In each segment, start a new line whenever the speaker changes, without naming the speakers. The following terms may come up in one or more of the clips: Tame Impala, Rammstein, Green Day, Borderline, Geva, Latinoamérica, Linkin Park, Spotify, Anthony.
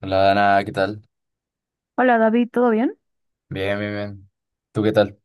Hola, Dana, ¿qué tal?
Hola David, ¿todo bien?
Bien, bien, bien. ¿Tú qué tal?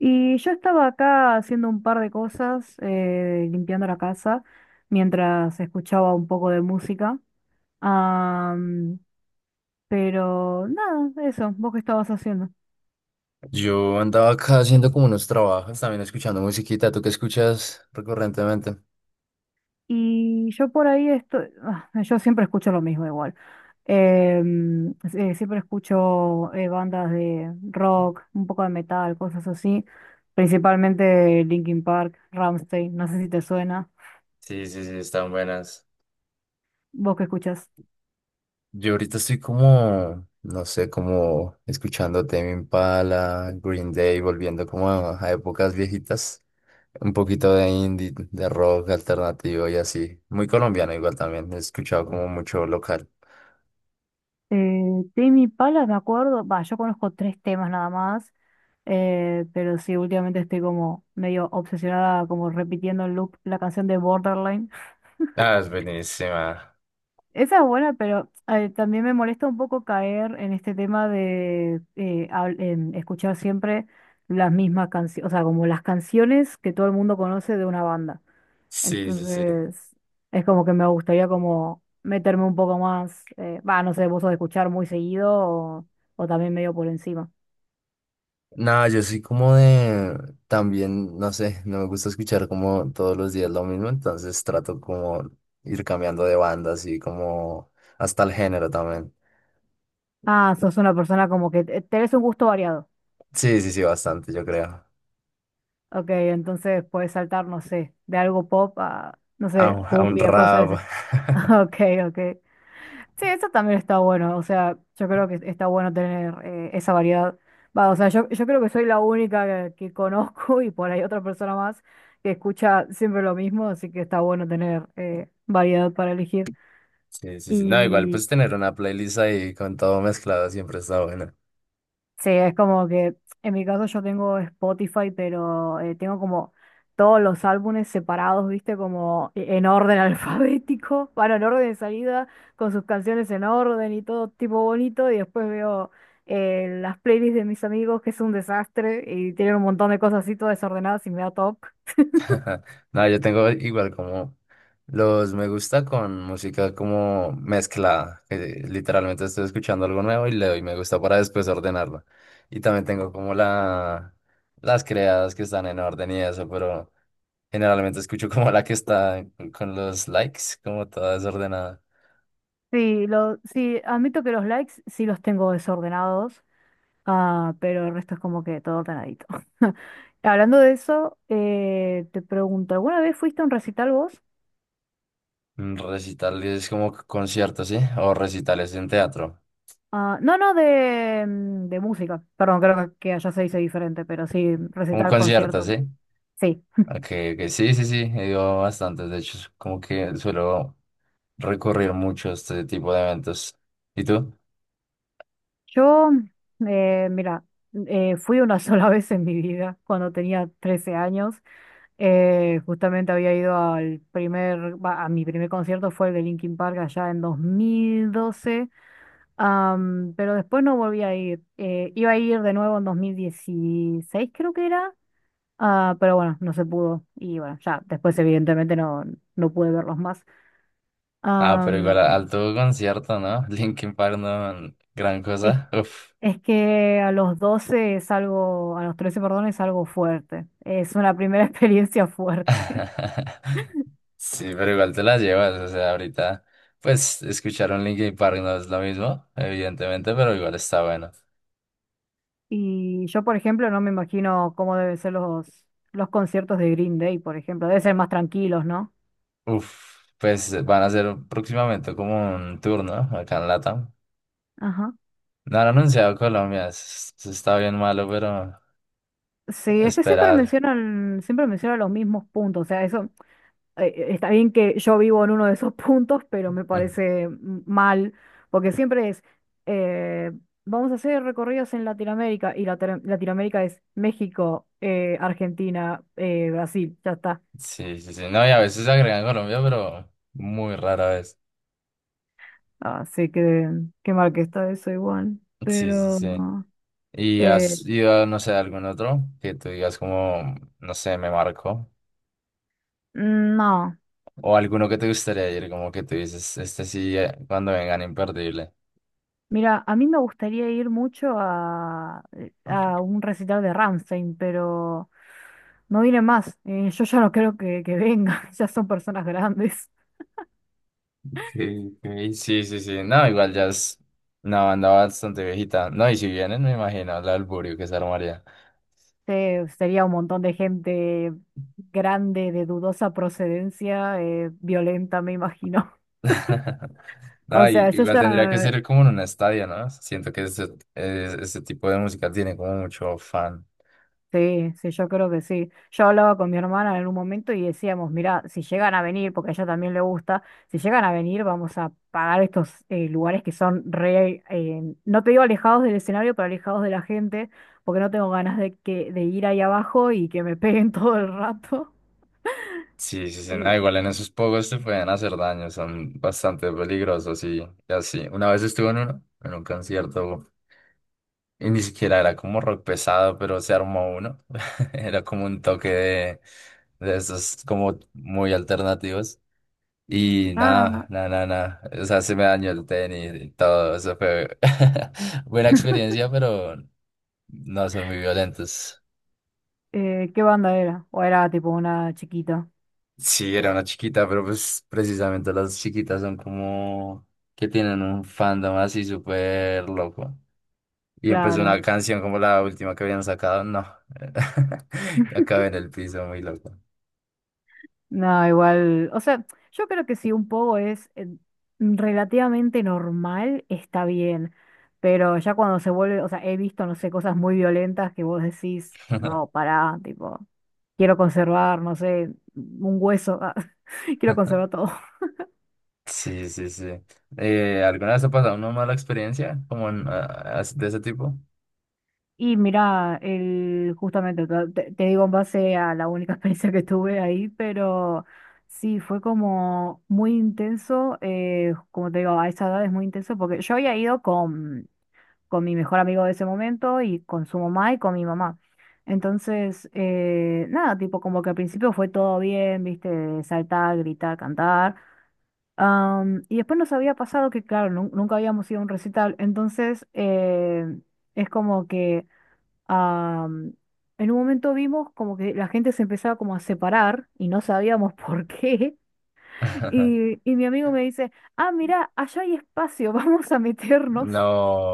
Y yo estaba acá haciendo un par de cosas, limpiando la casa, mientras escuchaba un poco de música. Am, pero nada, eso, vos qué estabas haciendo.
Yo andaba acá haciendo como unos trabajos, también escuchando musiquita. ¿Tú qué escuchas recurrentemente?
Y yo por ahí estoy, yo siempre escucho lo mismo igual. Siempre escucho bandas de rock, un poco de metal, cosas así. Principalmente Linkin Park, Rammstein, no sé si te suena.
Sí, sí, sí, están buenas.
¿Vos qué escuchás?
Yo ahorita estoy como, no sé, como escuchando Tame Impala, Green Day, volviendo como a épocas viejitas. Un poquito de indie, de rock alternativo y así. Muy colombiano igual también. He escuchado como mucho local.
Tame Pala, me acuerdo, va, yo conozco tres temas nada más, pero sí, últimamente estoy como medio obsesionada, como repitiendo en loop la canción de Borderline.
Ah, es buenísima.
Esa es buena, pero también me molesta un poco caer en este tema de escuchar siempre las mismas canciones, o sea, como las canciones que todo el mundo conoce de una banda.
Sí, sí, sí.
Entonces, es como que me gustaría como meterme un poco más, va, no sé, vos sos de escuchar muy seguido o también medio por encima.
No, yo soy como de, también, no sé, no me gusta escuchar como todos los días lo mismo, entonces trato como ir cambiando de banda, así como hasta el género también.
Ah, sos una persona como que tenés un gusto variado.
Sí, sí, sí, bastante, yo creo.
Ok, entonces puedes saltar, no sé, de algo pop a, no
A,
sé,
un a un
cumbia, cosas de
rap.
ese- Ok, ok. Sí, eso también está bueno. O sea, yo creo que está bueno tener esa variedad. Va, o sea, yo creo que soy la única que conozco y por ahí otra persona más que escucha siempre lo mismo, así que está bueno tener variedad para elegir.
Sí, sí, sí. No, igual
y
pues tener una playlist ahí con todo mezclado siempre está bueno.
Sí, es como que en mi caso yo tengo Spotify, pero tengo como todos los álbumes separados, viste, como en orden alfabético, bueno, en orden de salida, con sus canciones en orden y todo tipo bonito, y después veo las playlists de mis amigos, que es un desastre, y tienen un montón de cosas así todas desordenadas y me da toc.
No, yo tengo igual como los me gusta con música como mezclada, que literalmente estoy escuchando algo nuevo y le doy me gusta para después ordenarlo. Y también tengo como las creadas que están en orden y eso, pero generalmente escucho como la que está con los likes, como toda desordenada.
Sí, sí, admito que los likes sí los tengo desordenados. Ah, pero el resto es como que todo ordenadito. Hablando de eso, te pregunto, ¿alguna vez fuiste a un recital vos?
Recitales como conciertos, ¿sí? O recitales en teatro,
Ah, no, no, de, de música. Perdón, creo que allá se dice diferente, pero sí,
como
recital,
conciertos,
concierto.
¿sí?
Sí.
Ok, ok, sí, sí, sí, he ido a bastantes. De hecho, es como que suelo recurrir mucho a este tipo de eventos. ¿Y tú?
Yo, mira, fui una sola vez en mi vida, cuando tenía 13 años. Justamente había ido al primer, va, a mi primer concierto fue el de Linkin Park allá en 2012. Pero después no volví a ir. Iba a ir de nuevo en 2016, creo que era. Ah, pero bueno, no se pudo. Y bueno, ya después evidentemente no, no pude verlos más.
Ah, pero igual
Am,
alto concierto, ¿no? Linkin Park, no, gran
es,
cosa. Uf.
es que a los 12 es algo, a los 13 perdón, es algo fuerte. Es una primera experiencia fuerte.
Sí, pero igual te la llevas. O sea, ahorita, pues, escuchar un Linkin Park no es lo mismo, evidentemente, pero igual está bueno.
Y yo, por ejemplo, no me imagino cómo deben ser los conciertos de Green Day, por ejemplo. Deben ser más tranquilos, ¿no?
Uf, pues van a hacer próximamente como un tour, ¿no? Acá en Latam. No han anunciado Colombia, está bien malo, pero.
Sí, es que
Esperar.
siempre mencionan los mismos puntos. O sea, eso está bien que yo vivo en uno de esos puntos, pero me
Ah,
parece mal, porque siempre es, eh, vamos a hacer recorridos en Latinoamérica, y Latinoamérica es México, Argentina, Brasil, ya está.
sí, sí, sí. No, y a veces agregan Colombia, pero muy rara vez.
Así que qué mal que está eso igual.
Sí, sí,
Pero
sí. ¿Y
eh,
has ido, no sé, a algún otro que tú digas como, no sé, me marcó?
no.
O alguno que te gustaría ir, como que tú dices, este sí, cuando vengan, imperdible.
Mira, a mí me gustaría ir mucho a un recital de Rammstein, pero no viene más. Yo ya no creo que venga, ya son personas grandes.
Okay, ok. Sí, sí, sí. No, igual ya es una banda bastante viejita. No, y si vienen, me imagino el alburio que se armaría.
Sería un montón de gente grande, de dudosa procedencia, violenta, me imagino.
No,
O sea, yo
igual tendría que
ya.
ser como en un estadio, ¿no? Siento que ese tipo de música tiene como mucho fan.
Sí, sí, yo creo que sí. Yo hablaba con mi hermana en un momento y decíamos, mira, si llegan a venir, porque a ella también le gusta, si llegan a venir vamos a pagar estos lugares que son re, no te digo alejados del escenario, pero alejados de la gente, porque no tengo ganas de, que, de ir ahí abajo y que me peguen todo el rato.
Sí, sí, sí,
Eh,
no, igual en esos pogos te pueden hacer daño, son bastante peligrosos y así. Una vez estuve en uno, en un concierto, y ni siquiera era como rock pesado, pero se armó uno. Era como un toque de esos como muy alternativos. Y nada,
ah,
nada, nada, nada. O sea, se me dañó el tenis y todo. Eso fue buena experiencia, pero no son muy violentos.
¿Qué banda era? O era tipo una chiquita,
Sí, era una chiquita, pero pues precisamente las chiquitas son como que tienen un fandom así súper loco. Y empezó
claro.
una canción como la última que habían sacado. No, acabé en el piso muy loco.
No, igual, o sea, yo creo que si un poco es relativamente normal, está bien, pero ya cuando se vuelve, o sea, he visto, no sé, cosas muy violentas que vos decís, no, pará, tipo, quiero conservar, no sé, un hueso, ah, quiero conservar todo.
Sí, sí, sí. ¿Alguna vez ha pasado una mala experiencia como en, de ese tipo?
Y mira, el, justamente, te digo en base a la única experiencia que tuve ahí, pero sí, fue como muy intenso, como te digo, a esa edad es muy intenso, porque yo había ido con mi mejor amigo de ese momento y con su mamá y con mi mamá. Entonces, nada, tipo como que al principio fue todo bien, viste, saltar, gritar, cantar. Y después nos había pasado que, claro, nunca habíamos ido a un recital. Entonces, es como que am, en un momento vimos como que la gente se empezaba como a separar y no sabíamos por qué. Y mi amigo me dice, ah, mira, allá hay espacio, vamos a meternos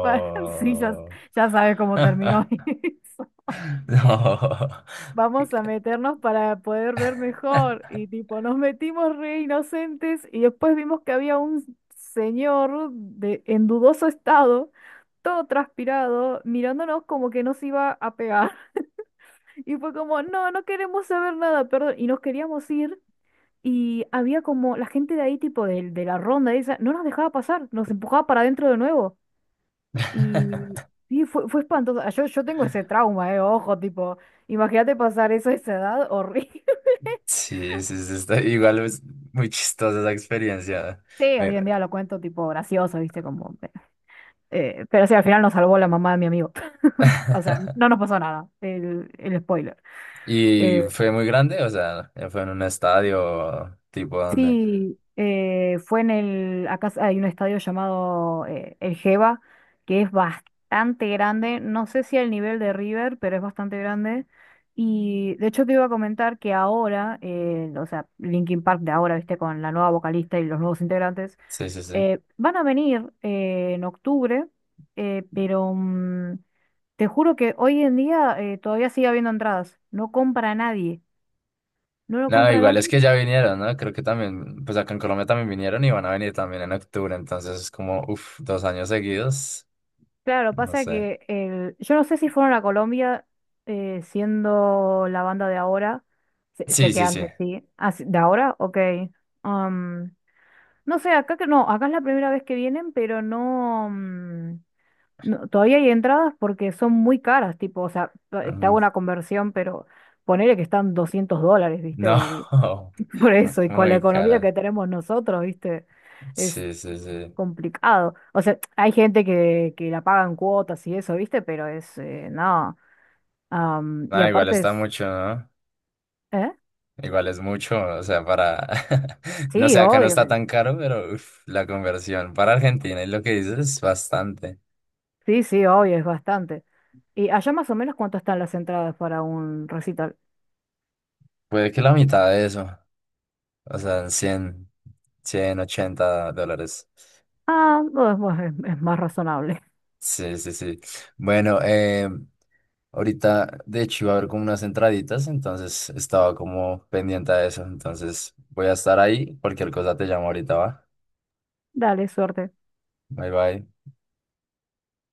para sí, ya, ya sabes cómo terminó eso.
No.
Vamos a meternos para poder ver mejor. Y tipo, nos metimos re inocentes y después vimos que había un señor de, en dudoso estado, todo transpirado, mirándonos como que nos iba a pegar. Y fue como, no, no queremos saber nada, perdón. Y nos queríamos ir. Y había como la gente de ahí, tipo de la ronda esa, no nos dejaba pasar, nos empujaba para adentro de nuevo. Y sí, fue espantoso. Ah, yo tengo ese trauma, ojo, tipo, imagínate pasar eso a esa edad, horrible.
Sí, sí, sí, está igual es muy chistosa esa experiencia.
Sí,
Me-
hoy en día lo cuento tipo gracioso, viste, como pero sí, al final nos salvó la mamá de mi amigo. O sea, no nos pasó nada, el spoiler.
Y
Eh,
fue muy grande, o sea, fue en un estadio tipo donde.
Sí, fue en el, acá hay un estadio llamado el Geva, que es bastante grande, no sé si al nivel de River, pero es bastante grande. Y de hecho te iba a comentar que ahora, o sea, Linkin Park de ahora, viste, con la nueva vocalista y los nuevos integrantes,
Sí, sí, sí.
van a venir en octubre, pero te juro que hoy en día todavía sigue habiendo entradas, no compra nadie, no lo
No,
compra
igual
nadie.
es que ya vinieron, ¿no? Creo que también, pues acá en Colombia también vinieron y van a venir también en octubre, entonces es como, uff, 2 años seguidos,
Claro,
no
pasa
sé.
que el, yo no sé si fueron a Colombia siendo la banda de ahora. Sé, sé
Sí,
que
sí, sí.
antes, sí. Ah, sí, ¿de ahora? Ok. Am, no sé, acá que no, acá es la primera vez que vienen, pero no, no, todavía hay entradas porque son muy caras, tipo, o sea, te
Mm,
hago una conversión, pero ponele que están 200 dólares, ¿viste? Y
no,
por eso, y con la
muy
economía
cara.
que tenemos nosotros, ¿viste?
Sí, sí, sí.
Complicado. O sea, hay gente que la pagan cuotas y eso, ¿viste? Pero es, no. Y
Ah, igual
aparte
está
es,
mucho, ¿no?
¿eh?
Igual es mucho, o sea, para... No
Sí,
sé, acá no
obvio.
está
Pero
tan caro, pero uf, la conversión para Argentina y lo que dices es bastante.
sí, sí, obvio, es bastante. ¿Y allá más o menos cuánto están las entradas para un recital?
Puede que la mitad de eso, o sea, 100, $80.
Ah, no, es más razonable.
Sí, sí, sí. Bueno, ahorita, de hecho, iba a haber como unas entraditas, entonces estaba como pendiente de eso. Entonces voy a estar ahí, cualquier cosa te llamo ahorita, ¿va?
Dale, suerte.
Bye, bye.